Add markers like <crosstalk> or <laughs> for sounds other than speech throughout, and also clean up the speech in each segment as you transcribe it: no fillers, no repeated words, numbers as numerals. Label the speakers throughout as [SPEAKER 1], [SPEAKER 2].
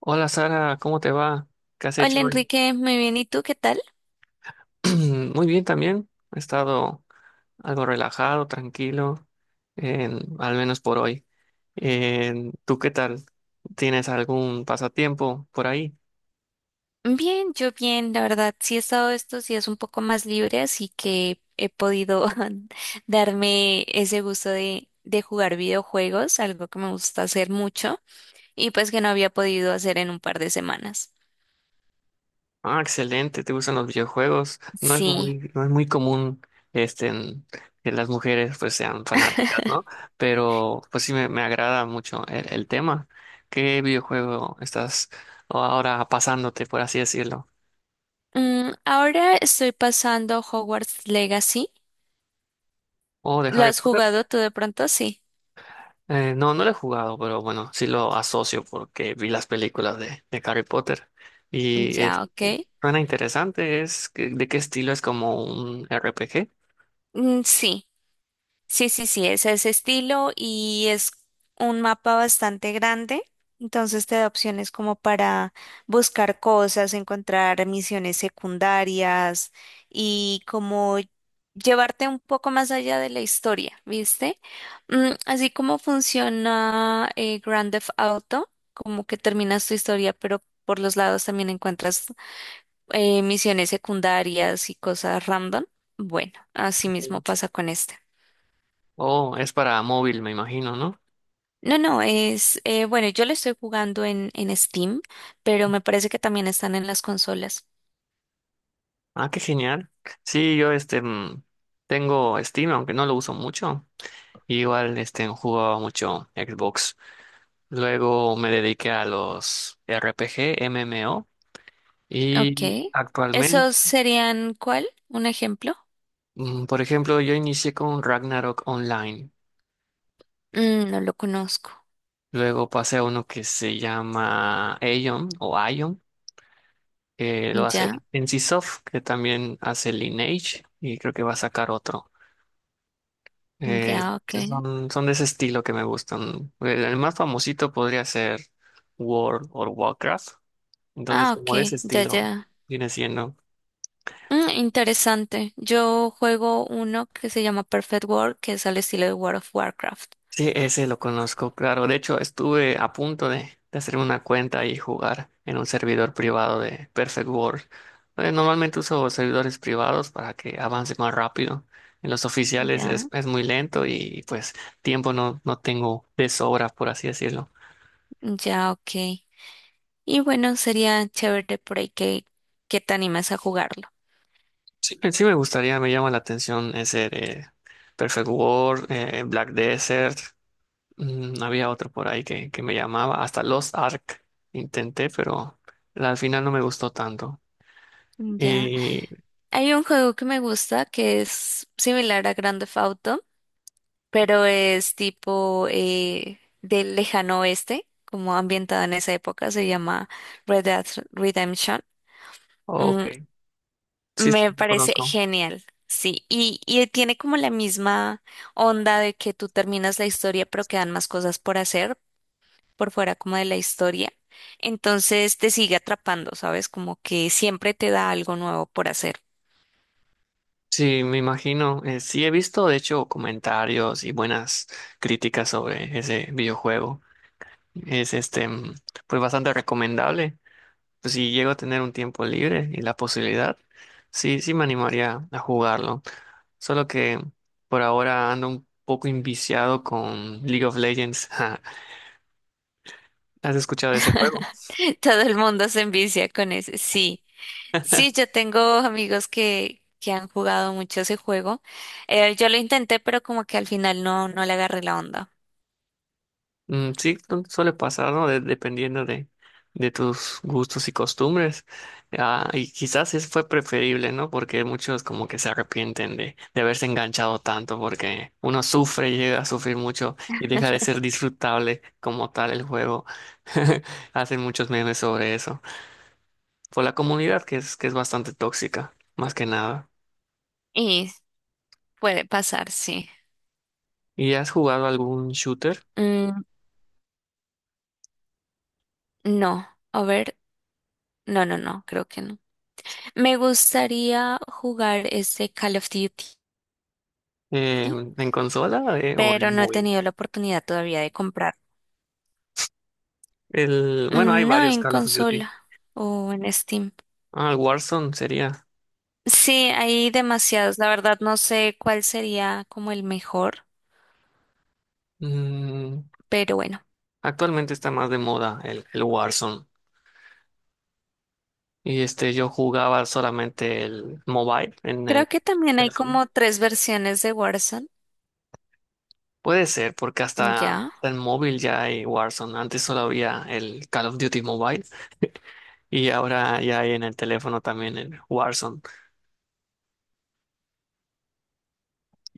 [SPEAKER 1] Hola Sara, ¿cómo te va? ¿Qué has
[SPEAKER 2] Hola
[SPEAKER 1] hecho hoy?
[SPEAKER 2] Enrique, muy bien. ¿Y tú qué tal?
[SPEAKER 1] <clears throat> Muy bien también. He estado algo relajado, tranquilo, al menos por hoy. ¿Tú qué tal? ¿Tienes algún pasatiempo por ahí?
[SPEAKER 2] Bien, yo bien, la verdad, sí he estado estos días un poco más libre, así que he podido <laughs> darme ese gusto de jugar videojuegos, algo que me gusta hacer mucho y pues que no había podido hacer en un par de semanas.
[SPEAKER 1] Ah, excelente, te gustan los videojuegos. No es
[SPEAKER 2] Sí.
[SPEAKER 1] muy, no es muy común, este, en- que las mujeres pues sean fanáticas, ¿no?
[SPEAKER 2] <laughs>
[SPEAKER 1] Pero pues sí me agrada mucho el tema. ¿Qué videojuego estás ahora pasándote, por así decirlo?
[SPEAKER 2] Ahora estoy pasando Hogwarts Legacy.
[SPEAKER 1] ¿O de
[SPEAKER 2] ¿Lo
[SPEAKER 1] Harry
[SPEAKER 2] has
[SPEAKER 1] Potter?
[SPEAKER 2] jugado tú de pronto? Sí.
[SPEAKER 1] No, no lo he jugado, pero bueno, sí lo asocio porque vi las películas de Harry Potter y
[SPEAKER 2] Ya, ok.
[SPEAKER 1] suena interesante. ¿De qué estilo es, como un R RPG?
[SPEAKER 2] Mm, sí. Sí, sí, sí, es ese estilo y es un mapa bastante grande, entonces te da opciones como para buscar cosas, encontrar misiones secundarias y como llevarte un poco más allá de la historia, ¿viste? Mm, así como funciona Grand Theft Auto, como que terminas tu historia, pero por los lados también encuentras misiones secundarias y cosas random. Bueno, así mismo
[SPEAKER 1] Sí.
[SPEAKER 2] pasa con este.
[SPEAKER 1] Oh, es para móvil, me imagino, ¿no?
[SPEAKER 2] No, no, es, bueno, yo lo estoy jugando en Steam, pero me parece que también están en las consolas.
[SPEAKER 1] Ah, qué genial. Sí, yo tengo Steam, aunque no lo uso mucho. Igual jugaba mucho Xbox. Luego me dediqué a los RPG MMO
[SPEAKER 2] Ok.
[SPEAKER 1] y actualmente,
[SPEAKER 2] ¿Esos serían cuál? ¿Un ejemplo?
[SPEAKER 1] por ejemplo, yo inicié con Ragnarok Online.
[SPEAKER 2] Mm, no lo conozco.
[SPEAKER 1] Luego pasé a uno que se llama Aion o Aion, que lo
[SPEAKER 2] Ya,
[SPEAKER 1] hace NCSoft, que también hace Lineage, y creo que va a sacar otro.
[SPEAKER 2] ya,
[SPEAKER 1] Entonces
[SPEAKER 2] ok.
[SPEAKER 1] son de ese estilo que me gustan. El más famosito podría ser World o Warcraft. Entonces,
[SPEAKER 2] Ah, ok,
[SPEAKER 1] como de ese
[SPEAKER 2] ya,
[SPEAKER 1] estilo
[SPEAKER 2] ya.
[SPEAKER 1] viene siendo.
[SPEAKER 2] Interesante. Yo juego uno que se llama Perfect World, que es al estilo de World of Warcraft.
[SPEAKER 1] Sí, ese lo conozco, claro. De hecho, estuve a punto de hacerme una cuenta y jugar en un servidor privado de Perfect World. Normalmente uso servidores privados para que avance más rápido. En los oficiales es,
[SPEAKER 2] Ya,
[SPEAKER 1] es muy lento y pues tiempo no, no tengo de sobra, por así decirlo.
[SPEAKER 2] ya, ok. Y bueno, sería chévere por ahí que te animas a jugarlo.
[SPEAKER 1] Sí, sí me gustaría, me llama la atención ese de Perfect World, Black Desert. Había otro por ahí que me llamaba, hasta Lost Ark intenté, pero al final no me gustó tanto.
[SPEAKER 2] Ya.
[SPEAKER 1] Y,
[SPEAKER 2] Hay un juego que me gusta que es similar a Grand Theft Auto, pero es tipo del lejano oeste, como ambientado en esa época, se llama Red Dead Redemption.
[SPEAKER 1] ok,
[SPEAKER 2] Mm,
[SPEAKER 1] sí, sí,
[SPEAKER 2] Me
[SPEAKER 1] lo
[SPEAKER 2] parece
[SPEAKER 1] conozco.
[SPEAKER 2] genial, sí. Y tiene como la misma onda de que tú terminas la historia, pero quedan más cosas por hacer por fuera como de la historia. Entonces te sigue atrapando, ¿sabes? Como que siempre te da algo nuevo por hacer.
[SPEAKER 1] Sí, me imagino. Sí, he visto, de hecho, comentarios y buenas críticas sobre ese videojuego. Es pues bastante recomendable. Pues si llego a tener un tiempo libre y la posibilidad, sí, sí me animaría a jugarlo. Solo que por ahora ando un poco inviciado con League of Legends. <laughs> ¿Has escuchado de ese juego?
[SPEAKER 2] <laughs> Todo el mundo se envicia con ese. Sí, sí, yo tengo amigos que han jugado mucho ese juego. Yo lo intenté, pero como que al final no, no le agarré la onda.
[SPEAKER 1] Sí, no, suele pasar, ¿no? Dependiendo de tus gustos y costumbres. Ah, y quizás es fue preferible, ¿no? Porque muchos como que se arrepienten de haberse enganchado tanto, porque uno sufre, llega a sufrir mucho y deja de ser disfrutable como tal el juego. <laughs> Hacen muchos memes sobre eso. Por la comunidad que es bastante tóxica, más que nada.
[SPEAKER 2] Y puede pasar, sí.
[SPEAKER 1] ¿Y has jugado algún shooter
[SPEAKER 2] Mm, no, a ver, no, no, no, creo que no. Me gustaría jugar ese Call of Duty,
[SPEAKER 1] eh, en consola, o
[SPEAKER 2] pero
[SPEAKER 1] en
[SPEAKER 2] no he
[SPEAKER 1] móvil?
[SPEAKER 2] tenido la oportunidad todavía de comprar.
[SPEAKER 1] Bueno, hay
[SPEAKER 2] Mm, no
[SPEAKER 1] varios
[SPEAKER 2] en
[SPEAKER 1] Call of Duty.
[SPEAKER 2] consola o en Steam.
[SPEAKER 1] Ah, el Warzone sería.
[SPEAKER 2] Sí, hay demasiados. La verdad no sé cuál sería como el mejor,
[SPEAKER 1] Mm,
[SPEAKER 2] pero bueno.
[SPEAKER 1] Actualmente está más de moda el Warzone. Y yo jugaba solamente el mobile en
[SPEAKER 2] Creo
[SPEAKER 1] el
[SPEAKER 2] que también hay
[SPEAKER 1] teléfono.
[SPEAKER 2] como tres versiones de Warzone.
[SPEAKER 1] Puede ser, porque hasta,
[SPEAKER 2] Ya.
[SPEAKER 1] hasta en móvil ya hay Warzone. Antes solo había el Call of Duty Mobile y ahora ya hay en el teléfono también el Warzone.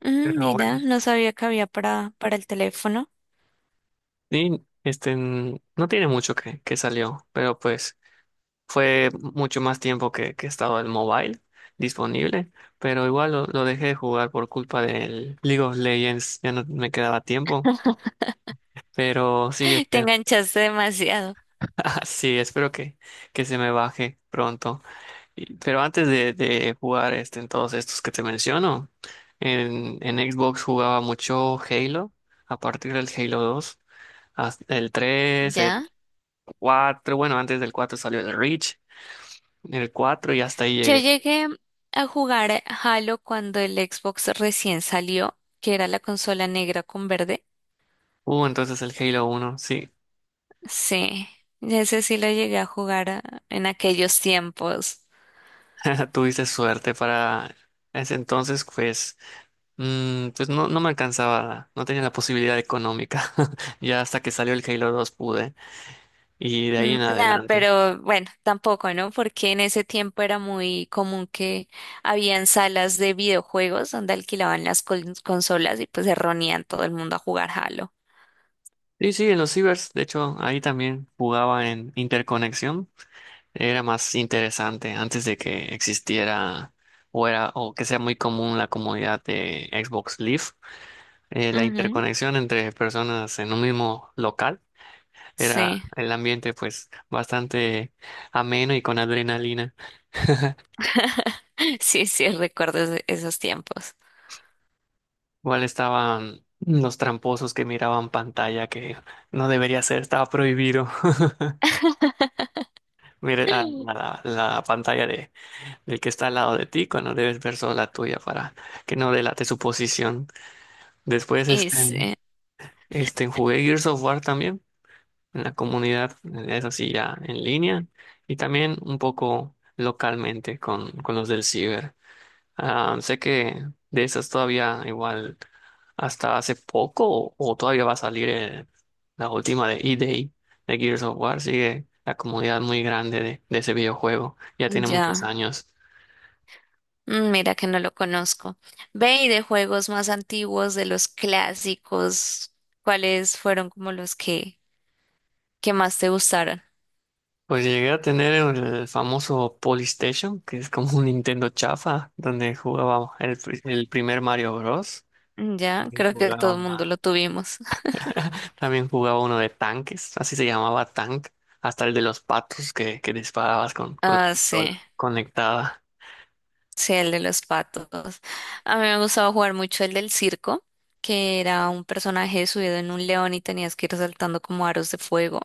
[SPEAKER 1] Pero bueno.
[SPEAKER 2] Mira, no sabía que había para el teléfono.
[SPEAKER 1] Y no tiene mucho que salió, pero pues. Fue mucho más tiempo que estaba el mobile disponible, pero igual lo dejé de jugar por culpa del League of Legends, ya no me quedaba tiempo,
[SPEAKER 2] <laughs>
[SPEAKER 1] pero sí,
[SPEAKER 2] Te enganchaste demasiado.
[SPEAKER 1] <laughs> sí, espero que se me baje pronto. Pero antes de jugar en todos estos que te menciono, en Xbox jugaba mucho Halo, a partir del Halo 2, hasta el tres, el
[SPEAKER 2] Ya.
[SPEAKER 1] cuatro, bueno, antes del 4 salió el Reach, el 4 y hasta ahí
[SPEAKER 2] Yo
[SPEAKER 1] llegué.
[SPEAKER 2] llegué a jugar Halo cuando el Xbox recién salió, que era la consola negra con verde.
[SPEAKER 1] Entonces el Halo 1 sí.
[SPEAKER 2] Sí, ese sí lo llegué a jugar ah, en aquellos tiempos.
[SPEAKER 1] <laughs> Tuviste suerte para ese entonces, pues, pues no, no me alcanzaba, no tenía la posibilidad económica. <laughs> Ya hasta que salió el Halo 2 pude, y de ahí
[SPEAKER 2] Mm,
[SPEAKER 1] en
[SPEAKER 2] nada,
[SPEAKER 1] adelante.
[SPEAKER 2] pero bueno, tampoco, ¿no? Porque en ese tiempo era muy común que habían salas de videojuegos donde alquilaban las consolas y pues se reunían todo el mundo a jugar Halo.
[SPEAKER 1] Sí, sí, en los cibers, de hecho, ahí también jugaba en interconexión. Era más interesante antes de que existiera o que sea muy común la comunidad de Xbox Live, la
[SPEAKER 2] Ujú,
[SPEAKER 1] interconexión entre personas en un mismo local. Era
[SPEAKER 2] sí,
[SPEAKER 1] el ambiente pues bastante ameno y con adrenalina.
[SPEAKER 2] <laughs> sí, sí, recuerdo esos tiempos.
[SPEAKER 1] Igual estaban los tramposos que miraban pantalla que no debería ser, estaba prohibido. <laughs>
[SPEAKER 2] <laughs>
[SPEAKER 1] Mira, la pantalla del que está al lado de ti cuando debes ver solo la tuya para que no delate su posición. Después
[SPEAKER 2] Y sí,
[SPEAKER 1] jugué Gears of War también en la comunidad, eso sí ya en línea y también un poco localmente con los del ciber. Ah, sé que de esas todavía igual hasta hace poco o todavía va a salir, la última de E-Day de Gears of War. Sigue la comunidad muy grande de ese videojuego. Ya tiene muchos
[SPEAKER 2] ya,
[SPEAKER 1] años.
[SPEAKER 2] mm, mira que no lo conozco. Ve y de juegos más antiguos, de los clásicos, ¿cuáles fueron como que más te gustaron?
[SPEAKER 1] Pues llegué a tener el famoso Polystation, que es como un Nintendo chafa, donde jugaba el primer Mario Bros.
[SPEAKER 2] Mm, ya,
[SPEAKER 1] Y
[SPEAKER 2] creo que todo
[SPEAKER 1] Jugaba
[SPEAKER 2] el mundo lo tuvimos.
[SPEAKER 1] <laughs> También jugaba uno de tanques, así se llamaba tank, hasta el de los patos que disparabas con la
[SPEAKER 2] Ah,
[SPEAKER 1] pistola
[SPEAKER 2] sí,
[SPEAKER 1] conectada.
[SPEAKER 2] sí, el de los patos. A mí me gustaba jugar mucho el del circo, que era un personaje subido en un león y tenías que ir saltando como aros de fuego.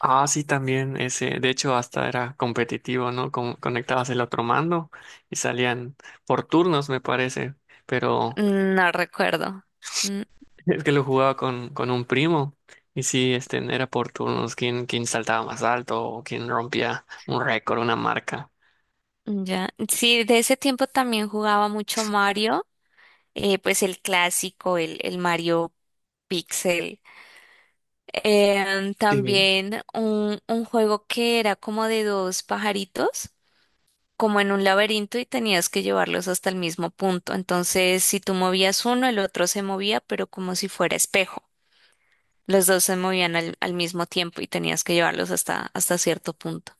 [SPEAKER 1] Ah, sí, también ese, de hecho hasta era competitivo, ¿no? Conectabas el otro mando y salían por turnos, me parece, pero
[SPEAKER 2] Mm, no recuerdo. Mm,
[SPEAKER 1] <laughs> es que lo jugaba con un primo y sí, era por turnos, quién saltaba más alto o quién rompía un récord, una marca.
[SPEAKER 2] ya, sí, de ese tiempo también jugaba mucho Mario, pues el clásico, el Mario Pixel.
[SPEAKER 1] Sí.
[SPEAKER 2] También un juego que era como de dos pajaritos como en un laberinto y tenías que llevarlos hasta el mismo punto. Entonces, si tú movías uno, el otro se movía, pero como si fuera espejo. Los dos se movían al mismo tiempo y tenías que llevarlos hasta, hasta cierto punto.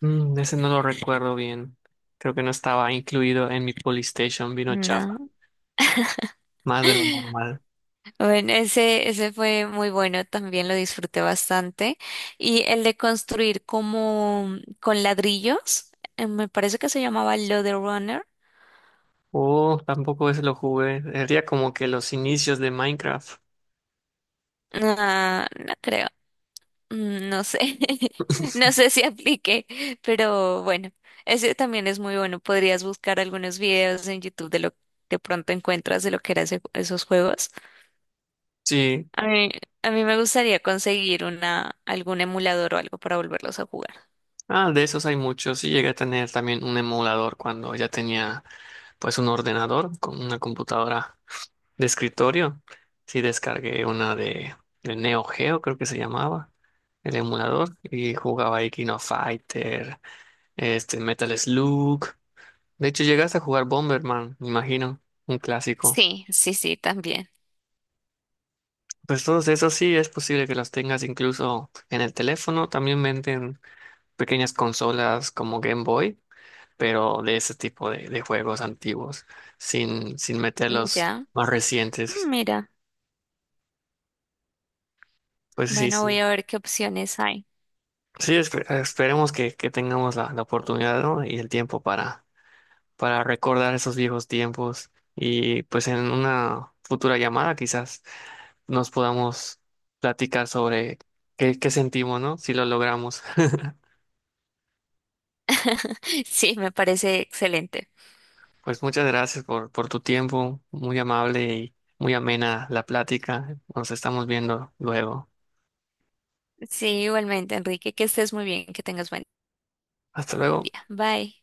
[SPEAKER 1] Ese no lo recuerdo bien. Creo que no estaba incluido en mi Polystation, vino chafa,
[SPEAKER 2] No.
[SPEAKER 1] más de lo normal.
[SPEAKER 2] Bueno, ese fue muy bueno, también lo disfruté bastante. Y el de construir como con ladrillos, me parece que se llamaba Runner.
[SPEAKER 1] Oh, tampoco ese lo jugué. Sería como que los inicios de Minecraft.
[SPEAKER 2] No, no creo. Mm, no sé, <laughs> no sé si aplique, pero bueno, ese también es muy bueno. Podrías buscar algunos videos en YouTube de lo que de pronto encuentras de lo que eran esos juegos.
[SPEAKER 1] Sí.
[SPEAKER 2] A mí, a mí me gustaría conseguir una, algún emulador o algo para volverlos a jugar.
[SPEAKER 1] Ah, de esos hay muchos. Sí, llegué a tener también un emulador cuando ya tenía pues un ordenador con una computadora de escritorio. Sí, descargué una de Neo Geo, creo que se llamaba, el emulador, y jugaba ahí King of Fighter, Metal Slug. De hecho, llegaste a jugar Bomberman, me imagino, un clásico.
[SPEAKER 2] Sí, sí, sí, también.
[SPEAKER 1] Pues todos esos sí es posible que los tengas incluso en el teléfono. También venden pequeñas consolas como Game Boy, pero de ese tipo de juegos antiguos, sin meter
[SPEAKER 2] Mm,
[SPEAKER 1] los
[SPEAKER 2] ya,
[SPEAKER 1] más
[SPEAKER 2] mm,
[SPEAKER 1] recientes.
[SPEAKER 2] mira,
[SPEAKER 1] Pues sí,
[SPEAKER 2] bueno, voy
[SPEAKER 1] sí.
[SPEAKER 2] a ver qué opciones hay.
[SPEAKER 1] Sí, esperemos que tengamos la oportunidad, ¿no? Y el tiempo para recordar esos viejos tiempos. Y pues en una futura llamada quizás, nos podamos platicar sobre qué sentimos, ¿no? Si lo logramos. <laughs>
[SPEAKER 2] <laughs> Sí, me parece excelente.
[SPEAKER 1] Pues muchas gracias por tu tiempo, muy amable y muy amena la plática. Nos estamos viendo luego.
[SPEAKER 2] Sí, igualmente, Enrique, que estés muy bien, que tengas buen
[SPEAKER 1] Hasta luego.
[SPEAKER 2] día. Bye.